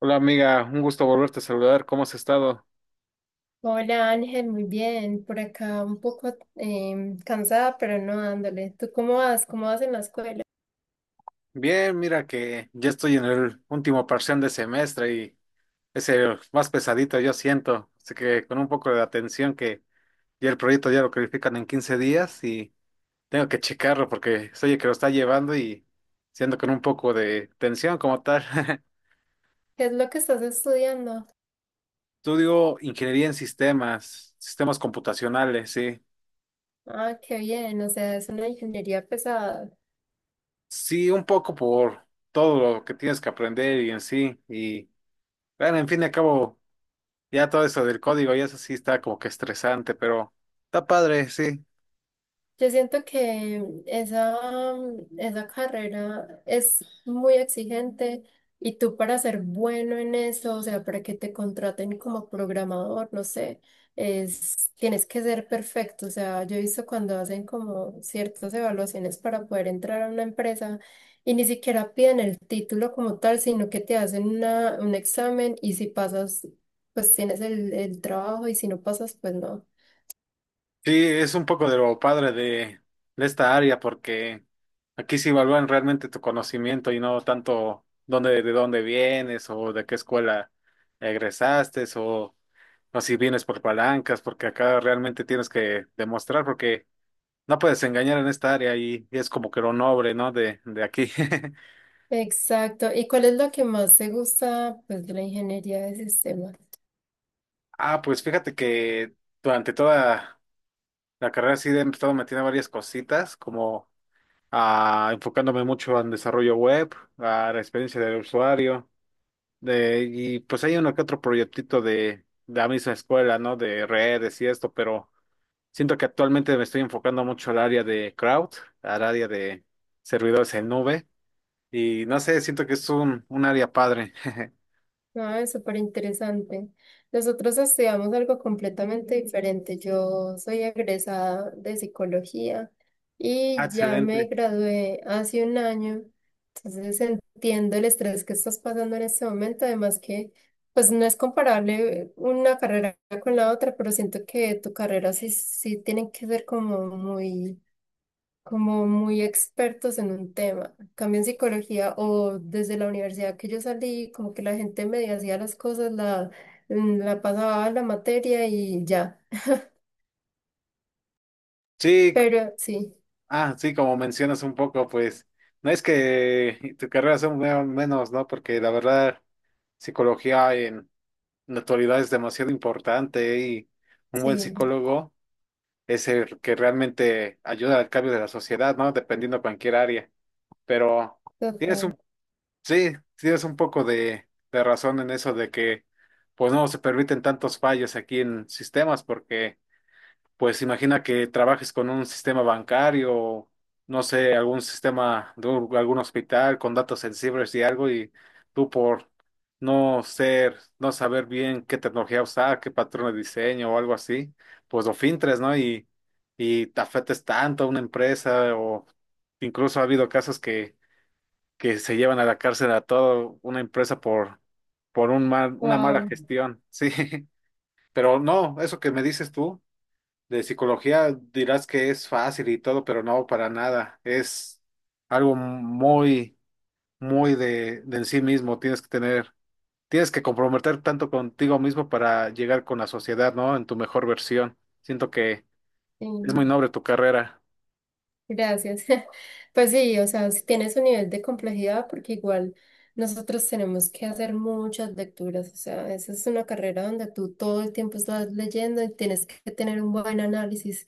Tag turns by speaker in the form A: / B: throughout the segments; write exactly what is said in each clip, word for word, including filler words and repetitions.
A: Hola amiga, un gusto volverte a saludar. ¿Cómo has estado?
B: Hola Ángel, muy bien. Por acá un poco em, cansada, pero no dándole. ¿Tú cómo vas? ¿Cómo vas en la escuela?
A: Bien, mira que ya estoy en el último parcial de semestre y es el más pesadito, yo siento. Así que con un poco de atención que ya el proyecto ya lo califican en quince días y tengo que checarlo porque soy el que lo está llevando y siendo con un poco de tensión como tal.
B: ¿Qué es lo que estás estudiando?
A: Estudio ingeniería en sistemas, sistemas computacionales, sí.
B: Ah, qué bien. O sea, es una ingeniería pesada.
A: Sí, un poco por todo lo que tienes que aprender y en sí. Y bueno, en fin y al cabo. Ya todo eso del código, y eso sí está como que estresante, pero está padre, sí.
B: Yo siento que esa, esa carrera es muy exigente y tú para ser bueno en eso, o sea, para que te contraten como programador, no sé, es, tienes que ser perfecto. O sea, yo he visto cuando hacen como ciertas evaluaciones para poder entrar a una empresa y ni siquiera piden el título como tal, sino que te hacen una, un examen y si pasas, pues tienes el, el trabajo y si no pasas, pues no.
A: Sí, es un poco de lo padre de, de esta área, porque aquí sí evalúan realmente tu conocimiento y no tanto dónde, de dónde vienes o de qué escuela egresaste o, o si vienes por palancas, porque acá realmente tienes que demostrar, porque no puedes engañar en esta área y, y es como que lo noble, ¿no? De, de aquí.
B: Exacto. ¿Y cuál es lo que más te gusta, pues, de la ingeniería de sistemas?
A: Ah, pues fíjate que durante toda la carrera sí he estado metiendo varias cositas, como ah, enfocándome mucho en desarrollo web, a la experiencia del usuario, de, y pues hay uno que otro proyectito de, de la misma escuela, ¿no? De redes y esto, pero siento que actualmente me estoy enfocando mucho al área de crowd, al área de servidores en nube, y no sé, siento que es un, un área padre.
B: Ah, es súper interesante. Nosotros estudiamos algo completamente diferente. Yo soy egresada de psicología
A: Ah,
B: y ya me
A: excelente.
B: gradué hace un año. Entonces entiendo el estrés que estás pasando en este momento. Además que, pues, no es comparable una carrera con la otra, pero siento que tu carrera sí, sí tienen que ser como muy como muy expertos en un tema. En cambio en psicología, o desde la universidad que yo salí, como que la gente medio hacía las cosas, la, mm, la pasaba a la materia y ya.
A: Sí,
B: Pero sí,
A: ah, sí, como mencionas un poco, pues, no es que tu carrera sea un- me- menos, ¿no? Porque la verdad. Psicología en la actualidad es demasiado importante y un buen
B: sí,
A: psicólogo es el que realmente ayuda al cambio de la sociedad, ¿no? Dependiendo cualquier área. Pero tienes
B: total.
A: un, sí, tienes un poco de, de razón en eso de que pues no se permiten tantos fallos aquí en sistemas porque pues imagina que trabajes con un sistema bancario, no sé, algún sistema de un- algún hospital con datos sensibles y algo, y tú por no ser, no saber bien qué tecnología usar, qué patrón de diseño o algo así, pues lo filtres, ¿no? Y, y te afectes tanto a una empresa o incluso ha habido casos que, que se llevan a la cárcel a toda una empresa por, por un mal, una mala
B: Wow.
A: gestión, sí. Pero no, eso que me dices tú. De psicología dirás que es fácil y todo, pero no, para nada. Es algo muy, muy de, de en sí mismo. Tienes que tener, tienes que comprometer tanto contigo mismo para llegar con la sociedad, ¿no? En tu mejor versión. Siento que es muy noble tu carrera.
B: Gracias. Pues sí, o sea, sí tiene su nivel de complejidad porque igual nosotros tenemos que hacer muchas lecturas, o sea, esa es una carrera donde tú todo el tiempo estás leyendo y tienes que tener un buen análisis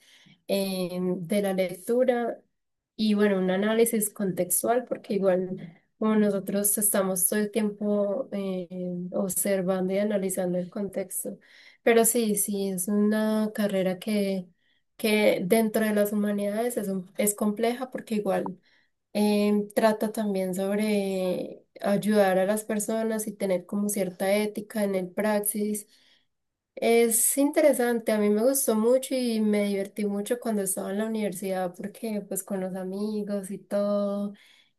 B: eh, de la lectura. Y bueno, un análisis contextual, porque igual como nosotros estamos todo el tiempo eh, observando y analizando el contexto, pero sí, sí, es una carrera que que dentro de las humanidades es, un- es compleja, porque igual em, trata también sobre ayudar a las personas y tener como cierta ética en el praxis. Es interesante, a mí me gustó mucho y me divertí mucho cuando estaba en la universidad porque, pues, con los amigos y todo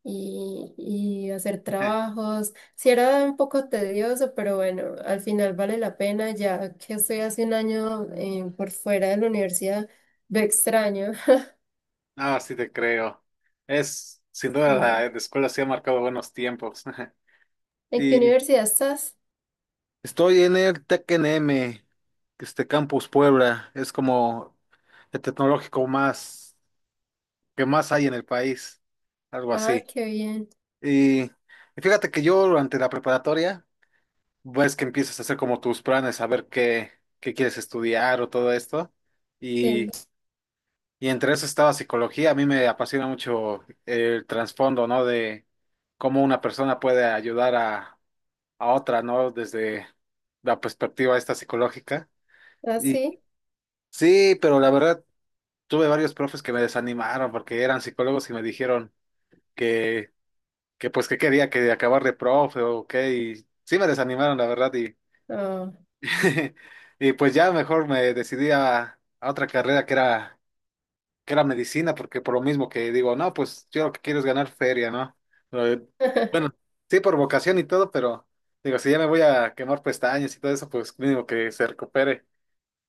B: y, y hacer trabajos, sí era un poco tedioso, pero bueno, al final vale la pena. Ya que estoy hace un año eh, por fuera de la universidad, lo extraño.
A: Ah, sí te creo. Es, sin duda, la,
B: Sí.
A: la escuela sí ha marcado buenos tiempos.
B: ¿En qué
A: Y
B: universidad estás?
A: estoy en el T E C N M, este Campus Puebla. Es como el tecnológico más, qué más hay en el país, algo
B: Ah,
A: así.
B: qué bien.
A: Y, y fíjate que yo durante la preparatoria, ves que empiezas a hacer como tus planes, a ver qué, qué quieres estudiar o todo esto. Y,
B: Sí.
A: y entre eso estaba psicología, a mí me apasiona mucho el trasfondo, ¿no? De cómo una persona puede ayudar a, a otra, ¿no? Desde la perspectiva esta psicológica.
B: ¿Ah,
A: Y
B: sí?
A: sí, pero la verdad, tuve varios profes que me desanimaron porque eran psicólogos y me dijeron. Que que pues que quería que acabar de profe o qué, y sí me desanimaron, la verdad, y,
B: Ah.
A: y pues ya mejor me decidí a, a otra carrera que era, que era medicina, porque por lo mismo que digo, no, pues yo lo que quiero es ganar feria, ¿no? Eh, Bueno, sí por vocación y todo, pero digo, si ya me voy a quemar pestañas y todo eso, pues mínimo que se recupere,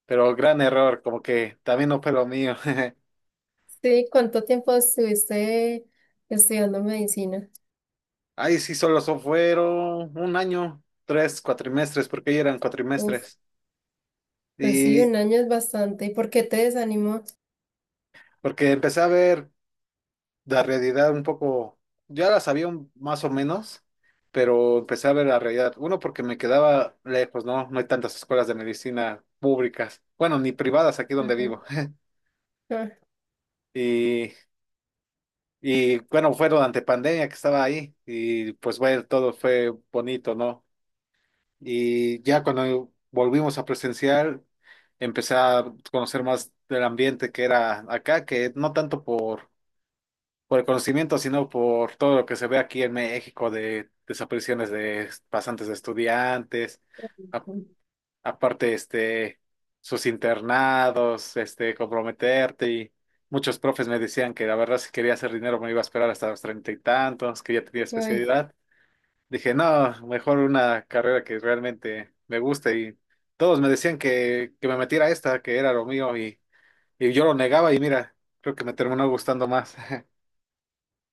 A: pero gran error, como que también no fue lo mío.
B: Sí, ¿cuánto tiempo estuviste estudiando medicina?
A: Ahí sí solo so- fueron un año, tres cuatrimestres, porque ya eran
B: Uf.
A: cuatrimestres.
B: Pues sí,
A: Y,
B: un año es bastante. ¿Y por qué te desanimó?
A: Porque empecé a ver la realidad un poco, ya la sabía un- más o menos, pero empecé a ver la realidad. Uno, porque me quedaba lejos, ¿no? No hay tantas escuelas de medicina públicas, bueno, ni privadas aquí donde
B: Ajá.
A: vivo.
B: Ah.
A: Y, y bueno, fue durante pandemia que estaba ahí y pues bueno, todo fue bonito, ¿no? Y ya cuando volvimos a presencial, empecé a conocer más del ambiente que era acá, que no tanto por por el conocimiento, sino por todo lo que se ve aquí en México de desapariciones de pasantes de estudiantes, a- aparte este, sus internados, este, comprometerte y muchos profes me decían que la verdad si quería hacer dinero me iba a esperar hasta los treinta y tantos, que ya tenía
B: Ay,
A: especialidad. Dije, no, mejor una carrera que realmente me guste y todos me decían que, que me metiera a esta, que era lo mío y, y yo lo negaba y mira, creo que me terminó gustando más.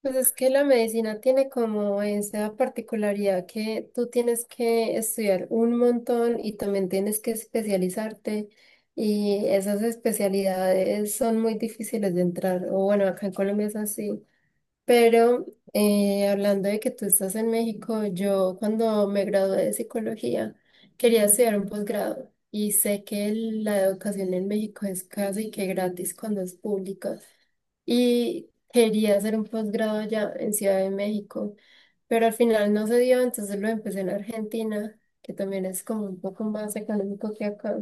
B: pues es que la medicina tiene como esa particularidad que tú tienes que estudiar un montón y también tienes que especializarte, y esas especialidades son muy difíciles de entrar. O bueno, acá en Colombia es así. Pero, eh, hablando de que tú estás en México, yo cuando me gradué de psicología quería estudiar un posgrado, y sé que el- la educación en México es casi que gratis cuando es pública, y quería hacer un posgrado ya en Ciudad de México, pero al final no se dio, entonces lo empecé en Argentina, que también es como un poco más económico que acá.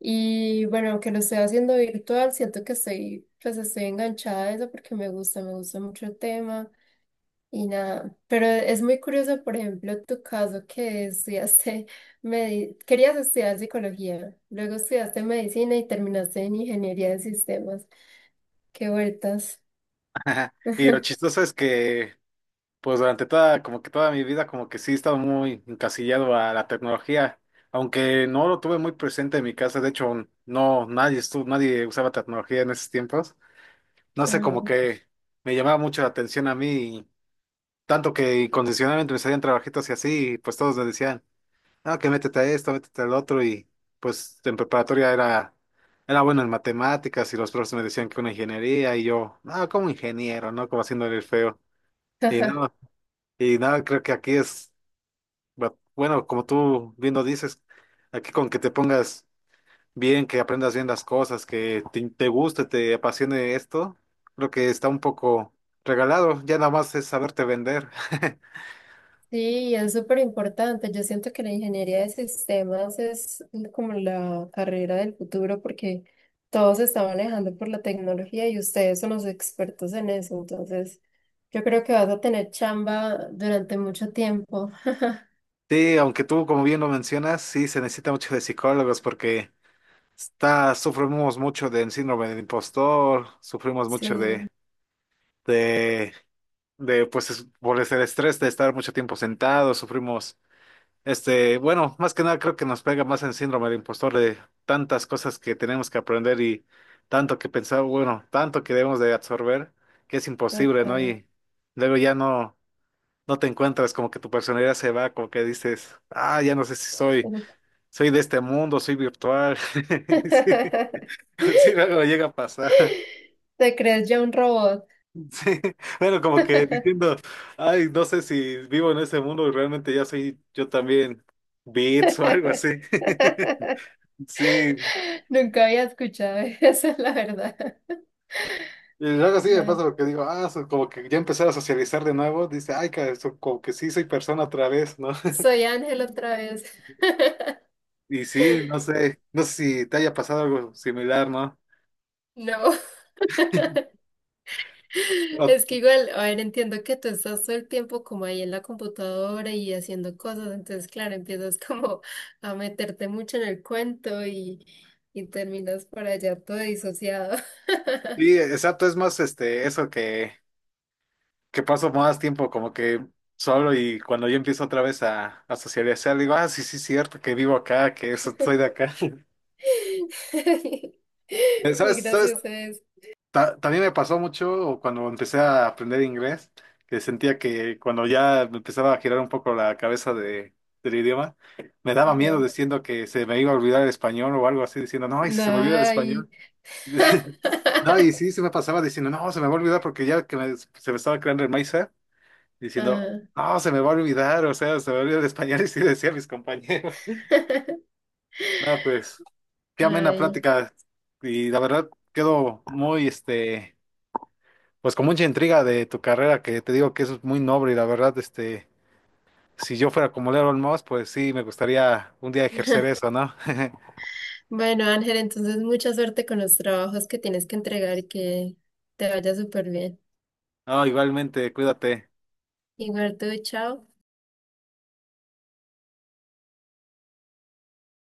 B: Y bueno, aunque lo estoy haciendo virtual, siento que estoy, pues estoy enganchada a eso porque me gusta, me gusta mucho el tema. Y nada, pero es muy curioso, por ejemplo, tu caso, que estudiaste, medi- querías estudiar psicología, luego estudiaste medicina y terminaste en ingeniería de sistemas. Qué vueltas.
A: Y lo chistoso es que, pues durante toda, como que toda mi vida, como que sí he estado muy encasillado a la tecnología, aunque no lo tuve muy presente en mi casa, de hecho, no, nadie estuvo, nadie usaba tecnología en esos tiempos. No sé, como que me llamaba mucho la atención a mí, y tanto que incondicionalmente me salían trabajitos y así, y pues todos me decían, ah, que métete a esto, métete al otro, y pues en preparatoria era, era bueno en matemáticas, y los profesores me decían que una ingeniería, y yo, ah, como ingeniero, ¿no? Como haciéndole el feo. Y
B: Ajá.
A: no, y nada, creo que aquí es, bu- bueno, como tú bien lo dices, aquí con que te pongas bien, que aprendas bien las cosas, que te, te guste, te apasione esto, creo que está un poco regalado, ya nada más es saberte vender.
B: Sí, es súper importante. Yo siento que la ingeniería de sistemas es como la carrera del futuro, porque todo se está manejando por la tecnología y ustedes son los expertos en eso. Entonces, yo creo que vas a tener chamba durante mucho tiempo.
A: Sí, aunque tú, como bien lo mencionas, sí se necesita mucho de psicólogos porque está, sufrimos mucho del síndrome del impostor, sufrimos mucho
B: Sí.
A: de, de, de, pues, es- por el estrés de estar mucho tiempo sentados, sufrimos. Este, bueno, más que nada creo que nos pega más en síndrome del impostor de tantas cosas que tenemos que aprender y tanto que pensar, bueno, tanto que debemos de absorber, que es imposible, ¿no?
B: Total.
A: Y luego ya no, no te encuentras, como que tu personalidad se va, como que dices, ah, ya no sé si soy,
B: Ujú.
A: soy de este mundo, soy virtual. Sí, sí, luego llega a pasar.
B: Te crees ya un robot.
A: Sí, bueno, como que diciendo, ay, no sé si vivo en ese mundo y realmente ya soy yo también bits o algo así. Sí,
B: Nunca había escuchado eso, la verdad.
A: y luego sí me pasa
B: Ay.
A: lo que digo, ah, so- como que ya empezar a socializar de nuevo, dice, ay, cara, so- como que sí soy persona otra vez, ¿no?
B: Soy Ángel otra vez.
A: Y sí, no sé, no sé si te haya pasado algo similar, ¿no?
B: No, es que
A: O-
B: igual, a ver, entiendo que tú estás todo el tiempo como ahí en la computadora y haciendo cosas, entonces claro, empiezas como a meterte mucho en el cuento y, y terminas por allá todo disociado.
A: sí, exacto, es más este, eso que, que paso más tiempo como que solo y cuando yo empiezo otra vez a, a socializar, digo, ah, sí, sí, cierto, que vivo acá, que eso, soy de acá.
B: Muy
A: ¿Sabes, sabes
B: gracioso es.
A: Ta- también me pasó mucho cuando empecé a aprender inglés, que sentía que cuando ya me empezaba a girar un poco la cabeza de, del idioma, me daba
B: Ajá.
A: miedo diciendo que se me iba a olvidar el español o algo así, diciendo, no, y si se me olvida el
B: Ay.
A: español. No, y sí, se me pasaba diciendo, no, se me va a olvidar porque ya que me- se me estaba creando el mindset, diciendo,
B: Ah.
A: no, se me va a olvidar, o sea, se me olvida el español, y sí decía a mis compañeros. No, pues, qué amena
B: Ay.
A: plática, y la verdad quedo muy, este pues con mucha intriga de tu carrera, que te digo que es muy noble y la verdad, este, si yo fuera como Leron Moss, pues sí, me gustaría un día ejercer eso, ¿no?
B: Bueno, Ángel, entonces mucha suerte con los trabajos que tienes que entregar y que te vaya súper bien.
A: No, igualmente, cuídate.
B: Igual tú, chao.